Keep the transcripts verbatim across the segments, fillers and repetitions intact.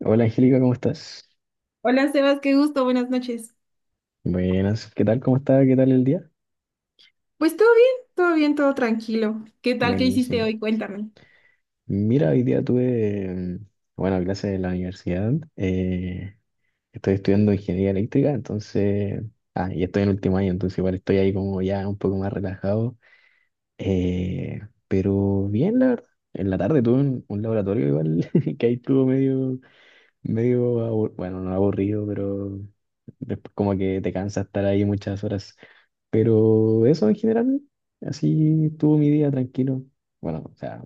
Hola Angélica, ¿cómo estás? Hola Sebas, qué gusto, buenas noches. Buenas, ¿qué tal? ¿Cómo está? ¿Qué tal el día? Pues todo bien, todo bien, todo tranquilo. ¿Qué tal? ¿Qué hiciste Buenísimo. hoy? Cuéntame. Mira, hoy día tuve, mm, bueno, clases de la universidad. Eh, estoy estudiando ingeniería eléctrica, entonces, ah, y estoy en último año, entonces igual estoy ahí como ya un poco más relajado. eh, pero bien, la verdad. En la tarde tuve un, un laboratorio igual, que ahí estuvo medio, medio, abur- bueno, no aburrido, pero después como que te cansa estar ahí muchas horas. Pero eso en general, así estuvo mi día tranquilo. Bueno, o sea,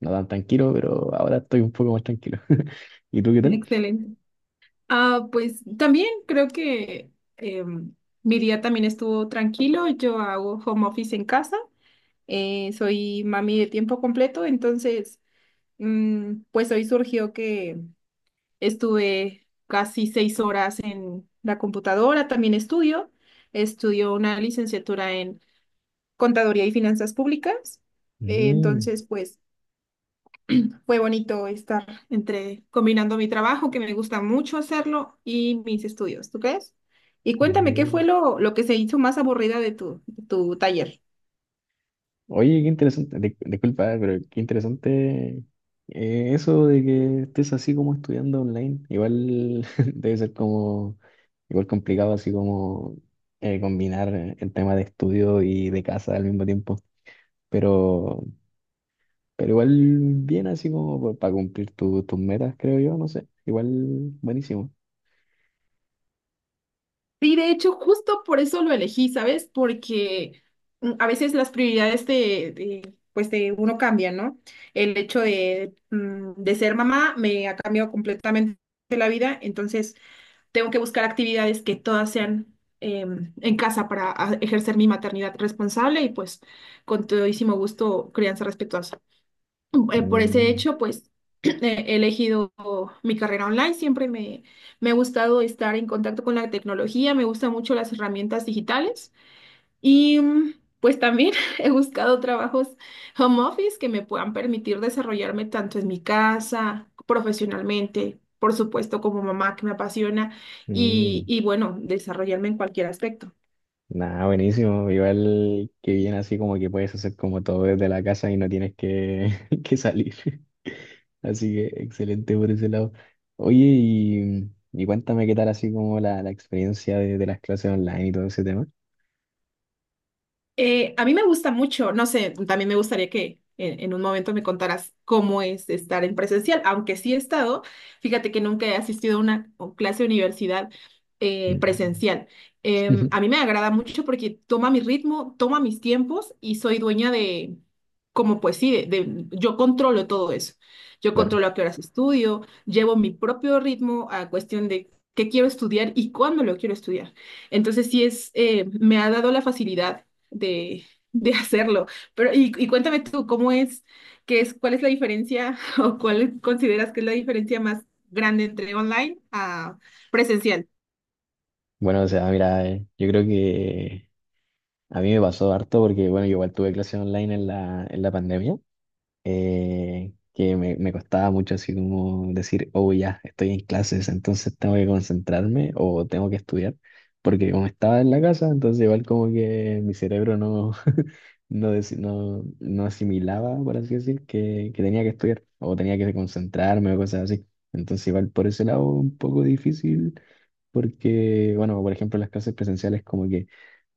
no tan tranquilo, pero ahora estoy un poco más tranquilo. ¿Y tú qué tal? Excelente. Ah, pues también creo que em, mi día también estuvo tranquilo. Yo hago home office en casa. Eh, soy mami de tiempo completo, entonces mm, pues hoy surgió que estuve casi seis horas en la computadora. También estudio. Estudio una licenciatura en Contaduría y Finanzas Públicas. Eh, Mm, Entonces, pues. Fue bonito estar entre combinando mi trabajo, que me gusta mucho hacerlo, y mis estudios, ¿tú crees? Y cuéntame, ¿qué fue Mira. lo, lo que se hizo más aburrida de tu, de tu taller? Oye, qué interesante, di- disculpa, eh, pero qué interesante eh, eso de que estés así como estudiando online. Igual debe ser como, igual complicado así como eh, combinar el tema de estudio y de casa al mismo tiempo. Pero Pero igual bien así como para cumplir tu- tus metas, creo yo, no sé. Igual buenísimo. Sí, de hecho, justo por eso lo elegí, ¿sabes? Porque mm, a veces las prioridades de, de, pues de uno cambian, ¿no? El hecho de, mm, de ser mamá me ha cambiado completamente la vida, entonces tengo que buscar actividades que todas sean em, en casa para a- ejercer mi maternidad responsable y pues con todísimo gusto crianza respetuosa. Eh, por ese Mm, hecho, pues he elegido mi carrera online, siempre me, me ha gustado estar en contacto con la tecnología, me gustan mucho las herramientas digitales. Y mm, pues también he buscado trabajos home office que me puedan permitir desarrollarme tanto en mi casa, profesionalmente, por supuesto como mamá que me apasiona y, mm. y bueno, desarrollarme en cualquier aspecto. Nada, buenísimo. Igual que bien así como que puedes hacer como todo desde la casa y no tienes que, que salir. Así que excelente por ese lado. Oye, y, y cuéntame qué tal así como la, la experiencia de, de las clases online y todo ese tema. Eh, a mí me gusta mucho, no sé, también me gustaría que en, en un momento me contaras cómo es estar en presencial, aunque sí he estado, fíjate que nunca he asistido a una o clase de universidad eh, Mm. presencial. Em, a mí me agrada mucho porque toma mi ritmo, toma mis tiempos y soy dueña de, como pues sí, de, de- yo controlo todo eso. Yo Claro. controlo a qué horas estudio, llevo mi propio ritmo a cuestión de qué quiero estudiar y cuándo lo quiero estudiar. Entonces sí es, eh, me ha dado la facilidad de, de hacerlo. Pero, y, y cuéntame tú, ¿cómo es, qué es, cuál es la diferencia o cuál consideras que es la diferencia más grande entre online a presencial? Bueno, o sea, mira, eh, yo creo que a mí me pasó harto porque, bueno, yo igual tuve clases online en la, en la pandemia, eh, que me, me costaba mucho así como decir, oh, ya, estoy en clases, entonces tengo que concentrarme o tengo que estudiar, porque como estaba en la casa, entonces igual como que mi cerebro no, no, deci- no, no asimilaba, por así decir, que, que tenía que estudiar o tenía que concentrarme o cosas así. Entonces igual por ese lado un poco difícil porque, bueno, por ejemplo, las clases presenciales como que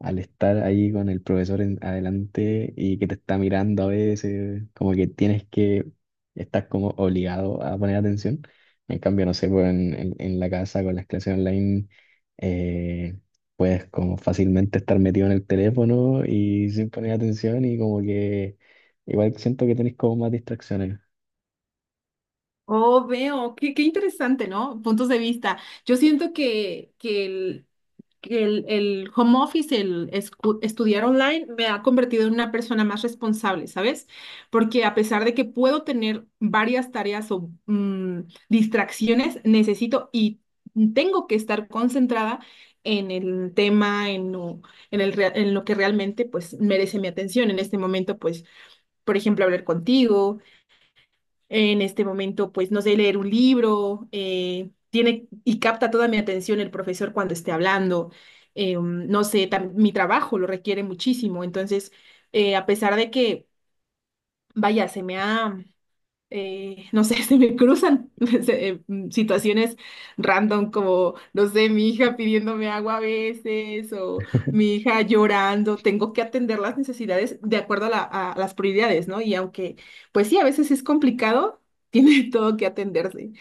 al estar ahí con el profesor en- adelante y que te está mirando a veces, como que tienes que, estás como obligado a poner atención. En cambio, no sé, pues en, en- en la casa con las clases online, eh, puedes como fácilmente estar metido en el teléfono y sin poner atención y como que igual siento que tenés como más distracciones. Oh, veo, qué, qué interesante, ¿no? Puntos de vista. Yo siento que, que el- que el, el home office, el escu- estudiar online, me ha convertido en una persona más responsable, ¿sabes? Porque a pesar de que puedo tener varias tareas o mm, distracciones, necesito y tengo que estar concentrada en el tema, en lo, en el, rea- en lo que realmente pues merece mi atención. En este momento, pues, por ejemplo, hablar contigo, en este momento, pues, no sé, leer un libro, eh, tiene y capta toda mi atención el profesor cuando esté hablando. Eh, um, no sé, tam- mi trabajo lo requiere muchísimo. Entonces, eh, a pesar de que, vaya, se me ha eh, no sé, se me cruzan se- eh, mm, situaciones random como, no sé, mi hija pidiéndome agua a veces o mi hija llorando. Tengo que atender las necesidades de acuerdo a, la- a las prioridades, ¿no? Y aunque, pues sí, a veces es complicado, tiene todo que atenderse.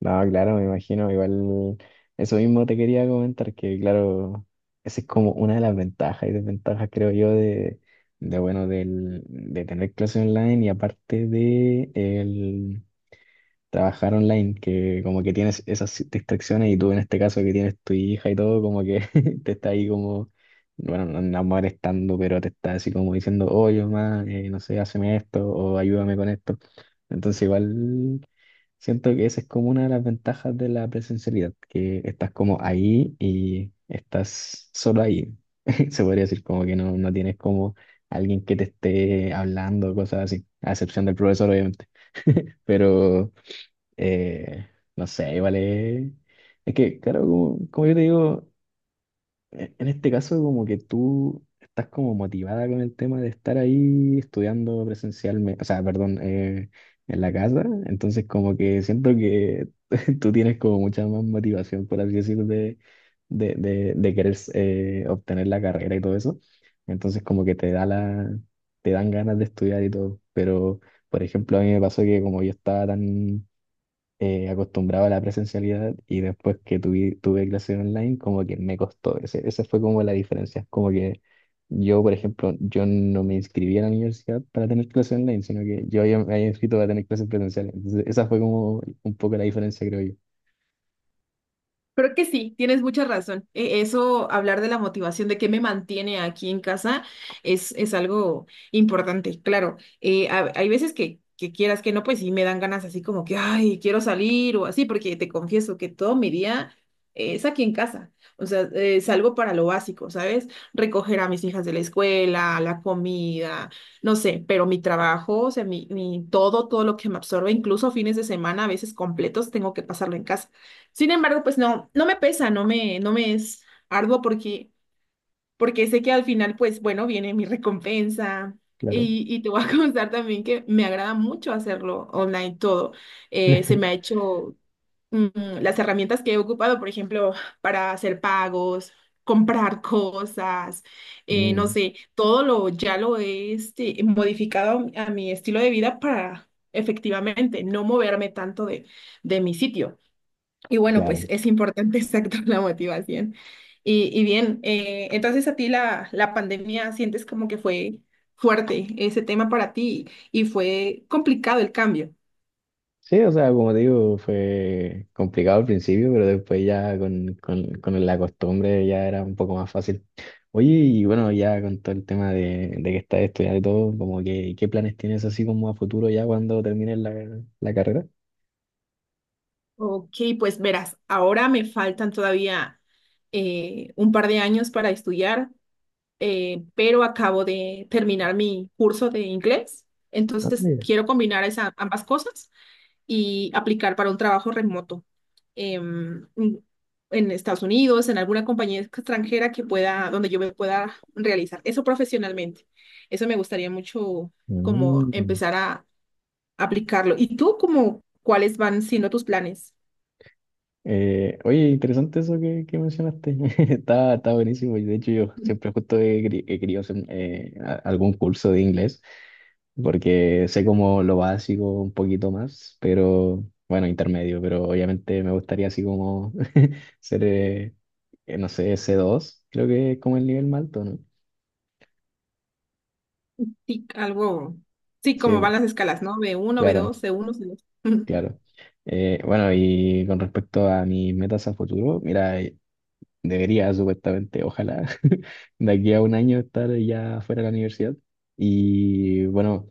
No, claro, me imagino, igual eso mismo te quería comentar, que claro, esa es como una de las ventajas y desventajas, creo yo, de, de bueno, del, de tener clases online y aparte de el, trabajar online, que como que tienes esas distracciones y tú en este caso que tienes tu hija y todo, como que te está ahí como, bueno, no, no molestando, pero te está así como diciendo, oye, mamá, eh, no sé, hazme esto o ayúdame con esto. Entonces igual siento que esa es como una de las ventajas de la presencialidad, que estás como ahí y estás solo ahí. Se podría decir como que no, no tienes como alguien que te esté hablando, cosas así, a excepción del profesor, obviamente. Pero eh, no sé, vale. Es que, claro, como, como yo te digo, e- en este caso como que tú estás como motivada con el tema de estar ahí estudiando presencialmente, o sea, perdón, eh, en la casa, entonces como que siento que tú tienes como mucha más motivación, por así decirlo, de, de, de, de querer eh, obtener la carrera y todo eso, entonces como que te da la, te dan ganas de estudiar y todo, pero, por ejemplo, a mí me pasó que como yo estaba tan eh, acostumbrado a la presencialidad y después que tuve, tuve clases online, como que me costó. Ese, esa fue como la diferencia. Como que yo, por ejemplo, yo no me inscribí a la universidad para tener clases online, sino que yo había- me había inscrito para tener clases presenciales. Entonces, esa fue como un poco la diferencia, creo yo. Creo que sí, tienes mucha razón. E- Eso, hablar de la motivación, de qué me mantiene aquí en casa, es, es algo importante, claro. Eh, ha- hay veces que, que quieras que no, pues sí me dan ganas así como que, ay, quiero salir o así, porque te confieso que todo mi día eh, es aquí en casa. O sea, eh, salgo para lo básico, ¿sabes? Recoger a mis hijas de la escuela, la comida, no sé, pero mi trabajo, o sea, mi, mi todo, todo lo que me absorbe, incluso fines de semana, a veces completos, tengo que pasarlo en casa. Sin embargo, pues no, no me pesa, no me, no me es arduo porque, porque sé que al final, pues bueno, viene mi recompensa. Claro. Y, y te voy a contar también que me agrada mucho hacerlo online todo. Eh, se me ha hecho mm, las herramientas que he ocupado, por ejemplo, para hacer pagos, comprar cosas, eh, no Mm, sé, todo lo ya lo he este, modificado a mi estilo de vida para efectivamente no moverme tanto de, de mi sitio. Y bueno, pues claro. es importante, exacto, la motivación. Y, y bien, eh, entonces a ti la, la pandemia sientes como que fue fuerte ese tema para ti y fue complicado el cambio. Sí, o sea, como te digo, fue complicado al principio, pero después ya con, con, con la costumbre ya era un poco más fácil. Oye, y bueno, ya con todo el tema de, de que estás estudiando y todo, como que, ¿qué planes tienes así como a futuro ya cuando termines la, la carrera? Ok, pues verás, ahora me faltan todavía eh, un par de años para estudiar, eh, pero acabo de terminar mi curso de inglés, Ah, entonces mira. quiero combinar esa, ambas cosas y aplicar para un trabajo remoto em, en Estados Unidos, en alguna compañía extranjera que pueda, donde yo me pueda realizar eso profesionalmente. Eso me gustaría mucho como Mm. empezar a aplicarlo. ¿Y tú como cuáles van siendo tus planes? Eh, oye, interesante eso que, que mencionaste. Está, está buenísimo. Y de hecho, yo siempre justo he, queri- he querido hacer eh, a- algún curso de inglés. Porque sé como lo básico un poquito más, pero bueno, intermedio, pero obviamente me gustaría así como ser, eh, eh, no sé, c dos creo que es como el nivel más alto, ¿no? Sí, algo, sí, como Sí, van las escalas, ¿no? B uno b claro, dos c uno c dos claro. Eh, bueno, y con respecto a mis metas a futuro, mira, eh, debería supuestamente, ojalá, de aquí a un año estar ya fuera de la universidad. Y bueno,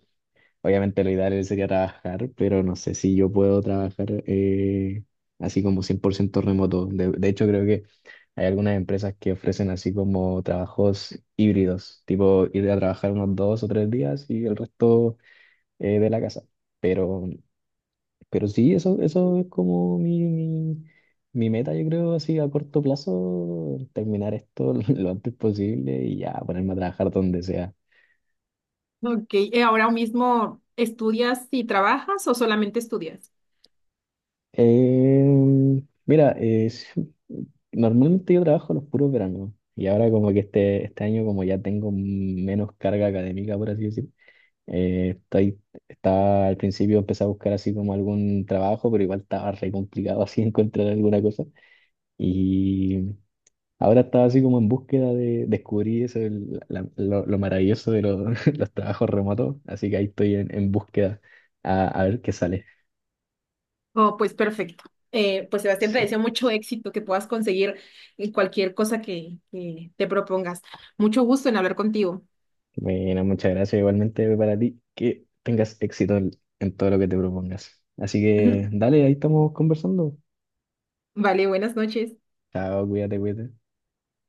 obviamente lo ideal sería trabajar, pero no sé si yo puedo trabajar eh, así como cien por ciento remoto. De, de hecho, creo que hay algunas empresas que ofrecen así como trabajos híbridos, tipo ir a trabajar unos dos o tres días y el resto eh, de la casa. Pero, pero sí, eso, eso es como mi, mi, mi meta, yo creo, así a corto plazo, terminar esto lo antes posible y ya ponerme a trabajar donde sea. Ok, ¿y ahora mismo estudias y trabajas o solamente estudias? Em, mira, eh, sí, normalmente yo trabajo los puros veranos y ahora como que este, este año como ya tengo menos carga académica, por así decir, eh, estoy, estaba al principio empecé a buscar así como algún trabajo, pero igual estaba re complicado así encontrar alguna cosa y ahora estaba así como en búsqueda de descubrir eso, el- la- lo, lo maravilloso de los, los trabajos remotos, así que ahí estoy en, en búsqueda a, a ver qué sale. Oh, pues perfecto. Eh, pues Sebastián, te Sí. deseo mucho éxito, que puedas conseguir eh, cualquier cosa que, que te propongas. Mucho gusto en hablar contigo. Bueno, muchas gracias. Igualmente para ti, que tengas éxito en en todo lo que te propongas. Así que dale, ahí estamos conversando. Vale, buenas noches. Chao, cuídate, cuídate.